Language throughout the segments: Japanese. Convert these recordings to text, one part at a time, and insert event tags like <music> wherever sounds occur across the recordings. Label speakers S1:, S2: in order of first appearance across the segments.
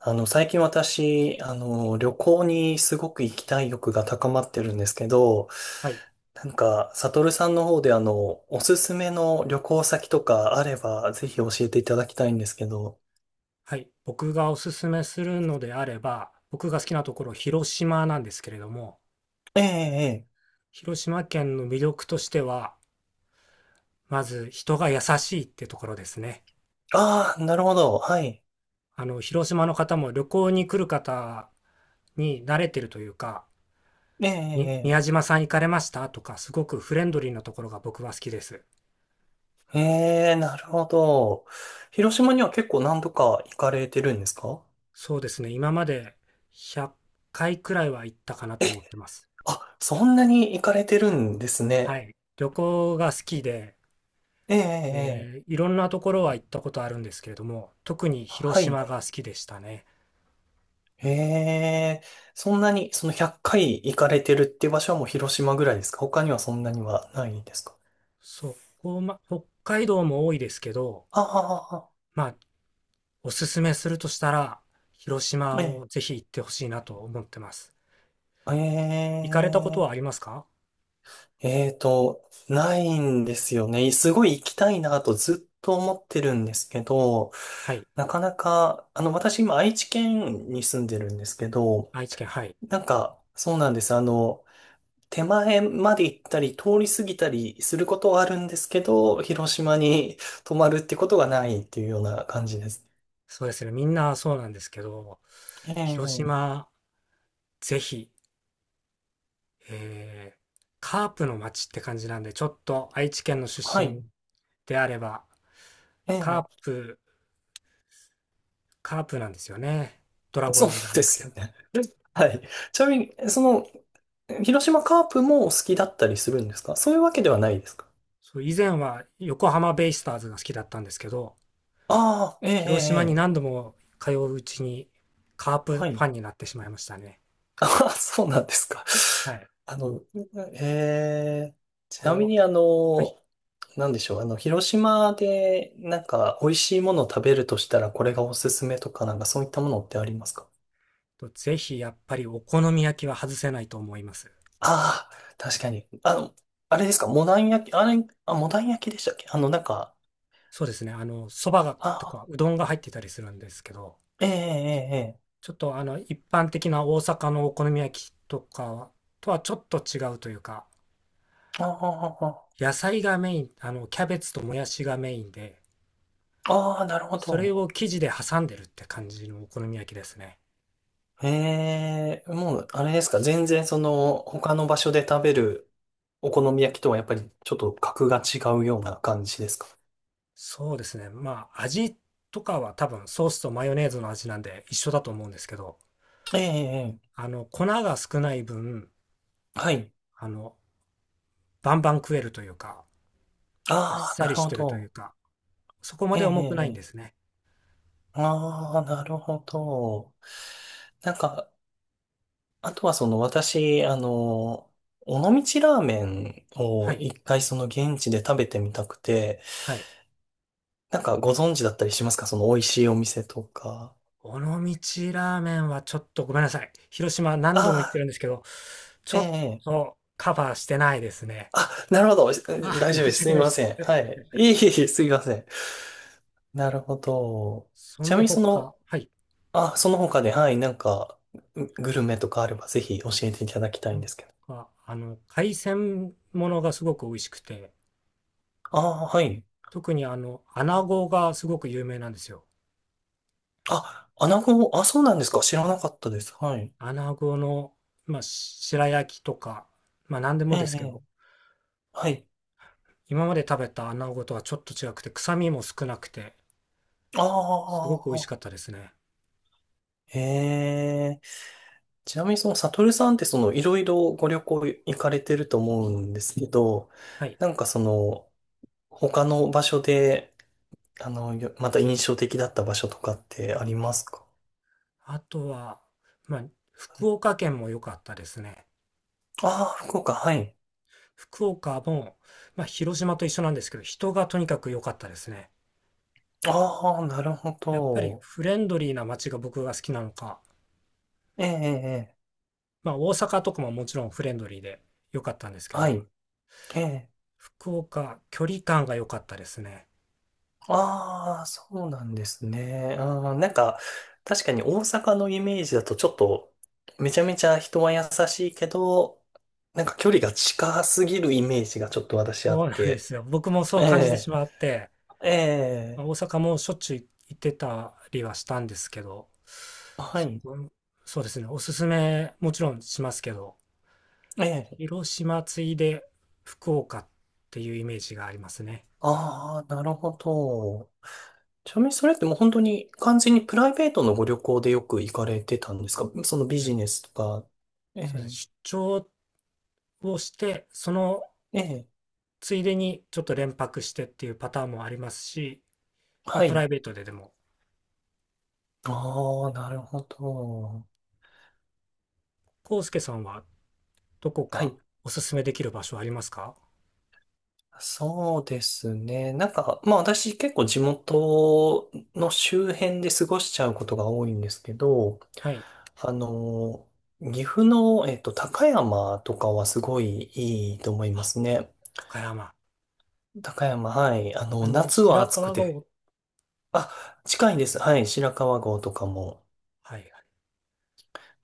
S1: 最近私、旅行にすごく行きたい欲が高まってるんですけど、
S2: はい。
S1: なんか、サトルさんの方でおすすめの旅行先とかあれば、ぜひ教えていただきたいんですけど。
S2: はい。僕がおすすめするのであれば、僕が好きなところ、広島なんですけれども、
S1: ええ、ええ。
S2: 広島県の魅力としては、まず人が優しいってところですね。
S1: ああ、なるほど。はい。
S2: 広島の方も旅行に来る方に慣れてるというか、
S1: え
S2: に
S1: え、
S2: 宮島さん行かれましたとか、すごくフレンドリーなところが僕は好きです。
S1: ええ。ええ、なるほど。広島には結構何度か行かれてるんですか？
S2: そうですね。今まで100回くらいは行ったかなと思ってます。
S1: あ、そんなに行かれてるんです
S2: は
S1: ね。
S2: い。旅行が好きで、
S1: ええ、ええ。ええ、
S2: いろんなところは行ったことあるんですけれども、特に広
S1: はい。
S2: 島が好きでしたね。
S1: へえ、そんなに、その100回行かれてるって場所はもう広島ぐらいですか？他にはそんなにはないですか？
S2: そこ、ま、北海道も多いですけど、
S1: あ
S2: まあ、おすすめするとしたら、広島
S1: あ、ええ、
S2: をぜひ行ってほしいなと思ってます。
S1: え
S2: 行かれたことはあり
S1: え、
S2: ますか？
S1: ないんですよね。すごい行きたいなとずっと思ってるんですけど、
S2: はい。
S1: なかなか、私今愛知県に住んでるんですけど、
S2: 愛知県、はい。
S1: なんか、そうなんです。手前まで行ったり、通り過ぎたりすることはあるんですけど、広島に泊まるってことがないっていうような感じです。
S2: そうですね。みんなそうなんですけど、
S1: え
S2: 広
S1: え、
S2: 島、ぜひ、えーカープの街って感じなんで、ちょっと愛知県の出
S1: はい。
S2: 身であれば、
S1: え
S2: カ
S1: え、
S2: ープカープなんですよね。ドラゴ
S1: そ
S2: ン
S1: う
S2: ズじゃな
S1: で
S2: く
S1: す
S2: て。
S1: よね。はい。ちなみに、その、広島カープもお好きだったりするんですか？そういうわけではないですか？
S2: そう、以前は横浜ベイスターズが好きだったんですけど、
S1: ああ、ええ、え
S2: 広島に
S1: え、ええ、
S2: 何度も通ううちにカー
S1: は
S2: プファ
S1: い。
S2: ンになってしまいましたね。
S1: あ、そうなんですか。
S2: はい。
S1: あの、えー、ちなみ
S2: こう、
S1: に
S2: はい。
S1: なんでしょう、広島でなんか美味しいものを食べるとしたらこれがおすすめとかなんかそういったものってありますか？
S2: とぜひやっぱりお好み焼きは外せないと思います。
S1: ああ、確かに。あれですか、モダン焼き、あれ、あ、モダン焼きでしたっけ？なんか、
S2: そうですね。そばが
S1: あ
S2: と
S1: あ、
S2: かうどんが入ってたりするんですけど、
S1: ええええええ、
S2: ちょっと一般的な大阪のお好み焼きとかとはちょっと違うというか、
S1: ああ、あ
S2: 野菜がメイン、キャベツともやしがメインで、
S1: ーあ、なるほ
S2: それ
S1: ど。
S2: を生地で挟んでるって感じのお好み焼きですね。
S1: ええ、もう、あれですか、全然その、他の場所で食べるお好み焼きとはやっぱりちょっと格が違うような感じですか？
S2: そうですね。まあ、味とかは多分ソースとマヨネーズの味なんで一緒だと思うんですけど、
S1: ええ、ええ、
S2: 粉が少ない分、
S1: はい。
S2: あの、バンバン食えるというか、あっ
S1: ああ、
S2: さ
S1: な
S2: り
S1: る
S2: し
S1: ほ
S2: てるという
S1: ど。
S2: か、そこま
S1: ええ、
S2: で
S1: ええ、
S2: 重くないん
S1: え
S2: です
S1: え、
S2: ね。
S1: ああ、なるほど。なんか、あとはその私、尾道ラーメン
S2: は
S1: を
S2: い。
S1: 一回その現地で食べてみたくて、
S2: はい。
S1: なんかご存知だったりしますか、その美味しいお店とか？
S2: 尾道ラーメンはちょっとごめんなさい。広島
S1: あ
S2: 何度も行って
S1: あ、
S2: るんですけど、ち
S1: え
S2: ょっ
S1: え、ええ、
S2: とカバーしてないですね。
S1: あ、なるほど。
S2: あ、
S1: 大丈夫
S2: 申
S1: で
S2: し
S1: す。す
S2: 訳
S1: み
S2: ないで
S1: ませ
S2: す。
S1: ん。はい。いえいえいえ、すみません。なるほど。
S2: そ
S1: ちなみ
S2: の
S1: にその、
S2: 他、はい。
S1: あ、その他で、はい、なんか、ググルメとかあればぜひ教えていただきたい
S2: な
S1: んで
S2: ん
S1: すけど。
S2: か海鮮ものがすごく美味しくて、
S1: ああ、はい。
S2: 特に穴子がすごく有名なんですよ。
S1: あ、穴子、あ、そうなんですか。知らなかったです。はい。
S2: 穴子の、まあ、し白焼きとか、まあ、何でも
S1: ええ、
S2: です
S1: え
S2: け
S1: え、
S2: ど、
S1: はい。
S2: 今まで食べた穴子とはちょっと違くて、臭みも少なくて、す
S1: あ
S2: ごく美味し
S1: あ、
S2: かったですね。
S1: へえ。ちなみにその、サトルさんってその、いろいろご旅行行かれてると思うんですけど、
S2: はい。
S1: なんかその、他の場所で、また印象的だった場所とかってありますか？
S2: あとは、まあ、福岡県も良かったですね。
S1: ああー、福岡、はい。
S2: 福岡も、まあ、広島と一緒なんですけど、人がとにかく良かったですね。
S1: ああ、なるほ
S2: やっぱり
S1: ど。
S2: フレンドリーな街が僕が好きなのか、
S1: ええ、ええ、ええ、
S2: まあ大阪とかももちろんフレンドリーで良かったんですけ
S1: は
S2: ど、
S1: い。ええ。
S2: 福岡、距離感が良かったですね。
S1: ああ、そうなんですね。なんか、確かに大阪のイメージだとちょっと、めちゃめちゃ人は優しいけど、なんか距離が近すぎるイメージがちょっと私
S2: そ
S1: あっ
S2: うなんで
S1: て。
S2: すよ。僕もそう
S1: え
S2: 感じてしまって、
S1: え、え
S2: まあ大阪もしょっちゅう行ってたりはしたんですけど、
S1: え、は
S2: そ
S1: い。
S2: こ、そうですね。おすすめもちろんしますけど、
S1: ええ。
S2: 広島ついで福岡っていうイメージがありますね。
S1: ああ、なるほど。ちなみにそれってもう本当に完全にプライベートのご旅行でよく行かれてたんですか？そのビ
S2: え
S1: ジネスとか。え
S2: そうで
S1: え、
S2: すね。出張をして、その
S1: ええ、
S2: ついでにちょっと連泊してっていうパターンもありますし、まあ
S1: は
S2: プラ
S1: い。
S2: イベートででも
S1: ああ、なるほど。
S2: 康介さんはどこ
S1: は
S2: か
S1: い、
S2: おすすめできる場所ありますか？
S1: そうですね。なんか、まあ私結構地元の周辺で過ごしちゃうことが多いんですけど、
S2: はい。
S1: あの、岐阜の、高山とかはすごいいいと思いま
S2: あ、
S1: すね。
S2: 高山。
S1: 高山、はい。夏は
S2: 白
S1: 暑く
S2: 川が
S1: て、
S2: お、
S1: あ、近いです。はい。白川郷とかも。
S2: はい、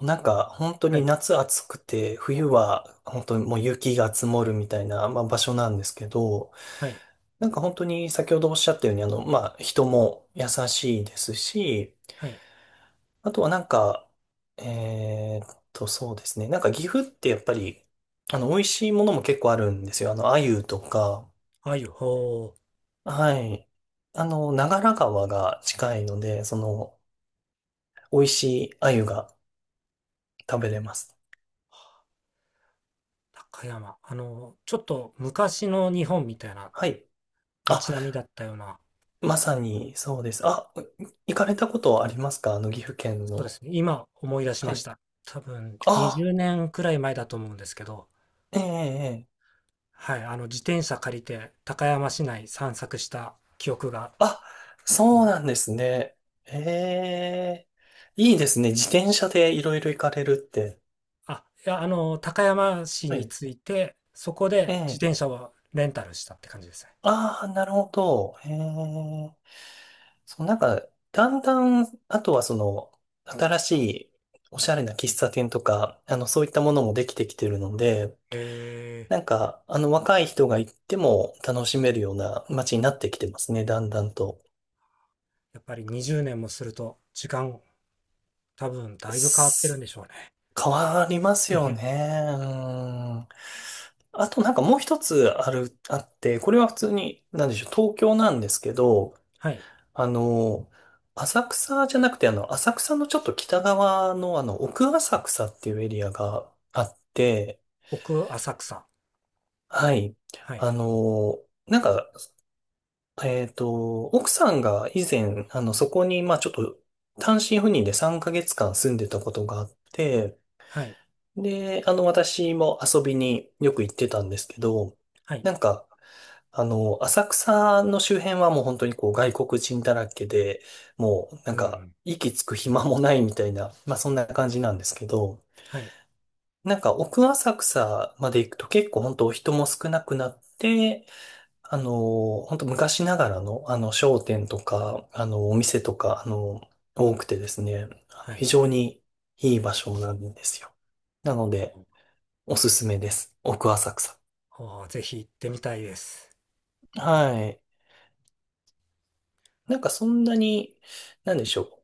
S1: なんか、本当
S2: は
S1: に
S2: い、
S1: 夏暑くて、冬は本当にもう雪が積もるみたいな、まあ、場所なんですけど、
S2: はい、
S1: なんか本当に先ほどおっしゃったように、まあ、人も優しいですし、
S2: はい。
S1: あとはなんか、そうですね。なんか岐阜ってやっぱり、美味しいものも結構あるんですよ。鮎とか、
S2: あゆ、ほう、
S1: はい。長良川が近いので、その、美味しい鮎が食べれます。
S2: 高山。ちょっと昔の日本みたいな
S1: はい。あ、
S2: 街並みだったような、
S1: まさにそうです。あ、行かれたことはありますか？岐阜県
S2: そうで
S1: の。
S2: すね。今思い出し
S1: は
S2: まし
S1: い。
S2: た。多分20
S1: あ、
S2: 年くらい前だと思うんですけど、
S1: ええええ、
S2: はい、自転車借りて高山市内散策した記憶が
S1: あ、そうなんですね。ええ、いいですね。自転車でいろいろ行かれるって。
S2: あ、いや、高山市
S1: は
S2: に
S1: い。
S2: 着いて、そこ
S1: え
S2: で自
S1: え。
S2: 転車をレンタルしたって感じですね。
S1: ああ、なるほど。ええ。そう、なんか、だんだん、あとはその、新しいおしゃれな喫茶店とか、そういったものもできてきてるので、
S2: へえ
S1: なんか、若い人が行っても楽しめるような街になってきてますね、だんだんと。
S2: やっぱり20年もすると、時間、多分だいぶ変わってるん
S1: す
S2: でしょうね。
S1: 変わります
S2: <laughs> へ
S1: よ
S2: へ
S1: ね。うん。あとなんかもう一つあって、これは普通に、なんでしょう、東京なんですけど、
S2: はい。
S1: あの、浅草じゃなくて、浅草のちょっと北側の、奥浅草っていうエリアがあって、
S2: 奥浅草。
S1: はい。
S2: はい。
S1: なんか、奥さんが以前、そこに、まあちょっと、単身赴任で3ヶ月間住んでたことがあって、
S2: はい。
S1: で、私も遊びによく行ってたんですけど、
S2: はい。
S1: なんか、浅草の周辺はもう本当にこう外国人だらけで、もうなん
S2: う
S1: か
S2: ん。
S1: 息つく暇もないみたいな、まあそんな感じなんですけど、
S2: はい。
S1: なんか奥浅草まで行くと結構本当人も少なくなって、本当昔ながらのあの商店とか、あのお店とか、多くてですね、
S2: はい。
S1: 非常にいい場所なんですよ。なの
S2: う
S1: で、
S2: ん、
S1: おすすめです。奥浅草。
S2: あーぜひ行ってみたいです。
S1: はい。なんかそんなに、なんでしょう。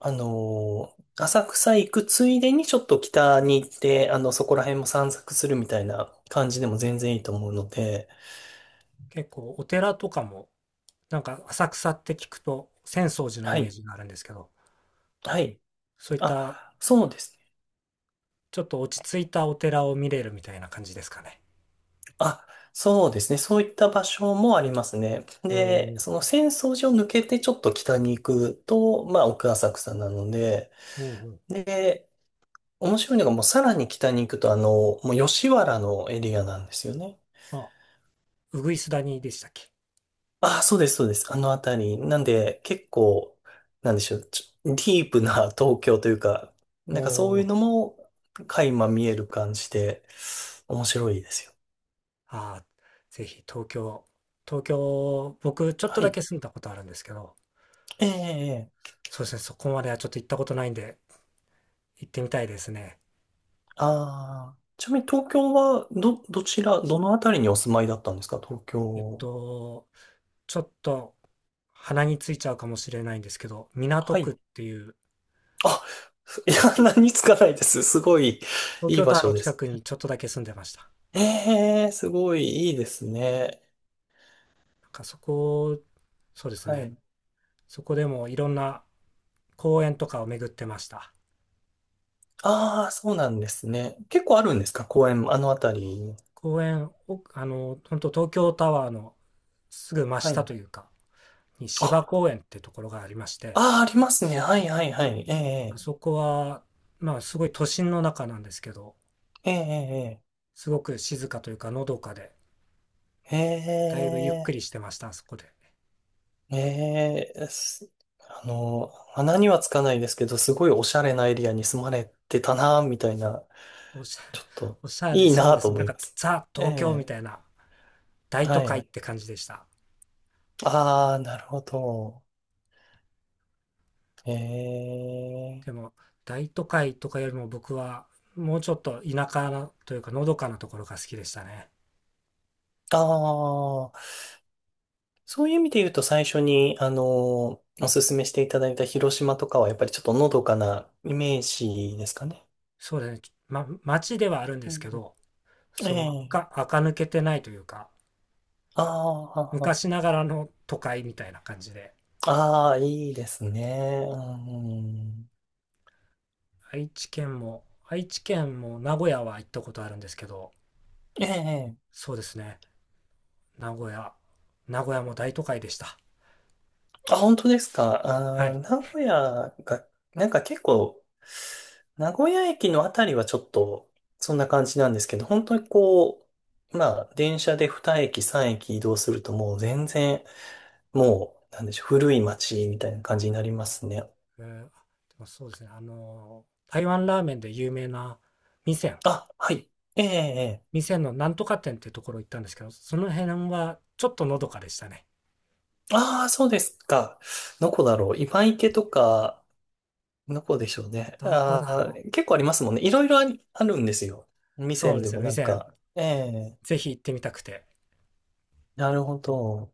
S1: 浅草行くついでにちょっと北に行って、そこら辺も散策するみたいな感じでも全然いいと思うので、
S2: 結構、お寺とかも、なんか浅草って聞くと、浅草寺のイ
S1: は
S2: メー
S1: い、
S2: ジがあるんですけど、
S1: はい。
S2: そういっ
S1: あ、
S2: た、
S1: そうですね。
S2: ちょっと落ち着いたお寺を見れるみたいな感じですかね。
S1: あ、そうですね。そういった場所もありますね。
S2: う
S1: で、
S2: ん。
S1: その浅草寺を抜けてちょっと北に行くと、まあ、奥浅草なので、
S2: うんうん。
S1: で、面白いのがもうさらに北に行くと、もう吉原のエリアなんですよね。
S2: あ、ウグイスダニでしたっけ？
S1: あ、そうです、そうです。あのあたり。なんで、結構、なんでしょう。ディープな東京というか、なんかそう
S2: お
S1: いう
S2: ー。
S1: のも垣間見える感じで、面白いですよ。
S2: あー、ぜひ東京、東京、僕ちょっと
S1: は
S2: だ
S1: い。
S2: け住んだことあるんですけど、
S1: ええええ、
S2: そうですね、そこまではちょっと行ったことないんで、行ってみたいですね。
S1: ああー、ちなみに東京は、どちら、どのあたりにお住まいだったんですか、東
S2: えっ
S1: 京？
S2: と、ちょっと鼻についちゃうかもしれないんですけど、港
S1: は
S2: 区っ
S1: い。
S2: ていう、
S1: あ、<laughs> いや、何つかないです。すごい、
S2: 東
S1: いい
S2: 京タ
S1: 場
S2: ワー
S1: 所
S2: の
S1: で
S2: 近
S1: す。
S2: くにちょっとだけ住んでました。
S1: ええ、すごいいいですね。
S2: なんかそこ、そうです
S1: は
S2: ね、
S1: い。
S2: そこでもいろんな公園とかを巡ってました。
S1: ああ、そうなんですね。結構あるんですか、公園、あのあたり？
S2: 公園、お本当東京タワーのすぐ真
S1: は
S2: 下
S1: い。
S2: というか、に
S1: あ、
S2: 芝公園ってところがありまして、
S1: ああ、ありますね。はい、はい、はい。え
S2: あ
S1: え、
S2: そこは、まあすごい都心の中なんですけど、
S1: ええ、
S2: すごく静かというか、のどかで、
S1: ええ、
S2: だいぶゆっく
S1: え
S2: りし
S1: え、
S2: てました、あそこで。
S1: ええ、ええ。穴にはつかないですけど、すごいおしゃれなエリアに住まれてたな、みたいな、
S2: おしゃ、
S1: ちょっ
S2: <laughs>
S1: と、
S2: おしゃれ、
S1: いい
S2: そう
S1: な
S2: で
S1: と
S2: すね。
S1: 思
S2: なん
S1: い
S2: か
S1: ます。
S2: ザ・
S1: え
S2: 東京みたい
S1: え、
S2: な大
S1: は
S2: 都会っ
S1: い。
S2: て感じでした。
S1: ああ、なるほど。ええ、
S2: でも、大都会とかよりも僕は、もうちょっと田舎なというか、のどかなところが好きでしたね。
S1: ああ。そういう意味で言うと最初に、おすすめしていただいた広島とかはやっぱりちょっとのどかなイメージですかね。
S2: そうですね。ま、街ではあるんで
S1: う
S2: すけ
S1: ん、
S2: ど、その
S1: ええ。
S2: 垢、垢抜けてないというか、
S1: ああ、
S2: 昔ながらの都会みたいな感じで、
S1: ああ、いいですね。うん、
S2: 愛知県も、愛知県も名古屋は行ったことあるんですけど、
S1: ええ。
S2: そうですね、名古屋、名古屋も大都会でした。
S1: あ、本当ですか。
S2: はい。
S1: 名古屋が、なんか結構、名古屋駅のあたりはちょっと、そんな感じなんですけど、本当にこう、まあ、電車で2駅、3駅移動するともう全然、もう、なんでしょう、古い町みたいな感じになりますね。
S2: でもそうですね、台湾ラーメンで有名な味仙、
S1: あ、はい。ええ、ええ。
S2: 味仙のなんとか店っていうところ行ったんですけど、その辺はちょっとのどかでしたね。
S1: ああ、そうですか。どこだろう。今池とか、どこでしょうね。
S2: どこ
S1: あ
S2: だ
S1: あ、
S2: ろう。
S1: 結構ありますもんね。いろいろあるんですよ。味
S2: そう
S1: 仙
S2: で
S1: で
S2: す
S1: も
S2: ね、味
S1: なん
S2: 仙、
S1: か。ええ、
S2: ぜひ行ってみたくて。
S1: なるほど。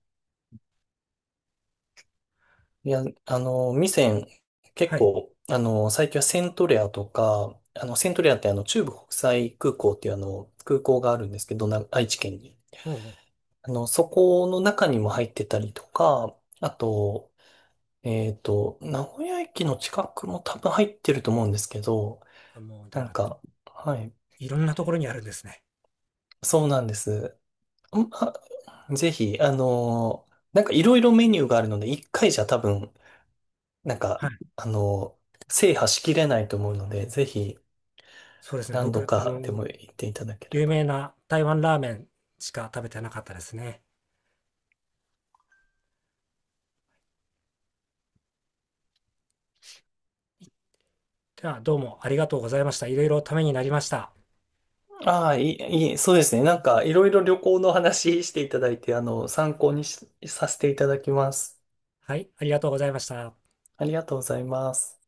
S1: いや、味仙、結
S2: はい。
S1: 構、最近はセントレアとか、セントレアって中部国際空港っていう空港があるんですけど、愛知県に。
S2: も
S1: そこの中にも入ってたりとか、あと、名古屋駅の近くも多分入ってると思うんですけど、
S2: う、あもう、で
S1: なん
S2: は
S1: か、はい、
S2: いろんなところにあるんですね。
S1: そうなんです。んあ、ぜひ、なんかいろいろメニューがあるので、一回じゃ多分、なんか、
S2: はい。
S1: あの制覇しきれないと思うので、ぜひ
S2: そうですね、
S1: 何度
S2: 僕、
S1: かでも行っていただけれ
S2: 有
S1: ば。
S2: 名な台湾ラーメンしか食べてなかったですね。では、どうもありがとうございました。いろいろためになりました。
S1: ああ、いい、いい、そうですね。なんかいろいろ旅行の話していただいて、参考にしさせていただきます。
S2: はい、ありがとうございました。
S1: ありがとうございます。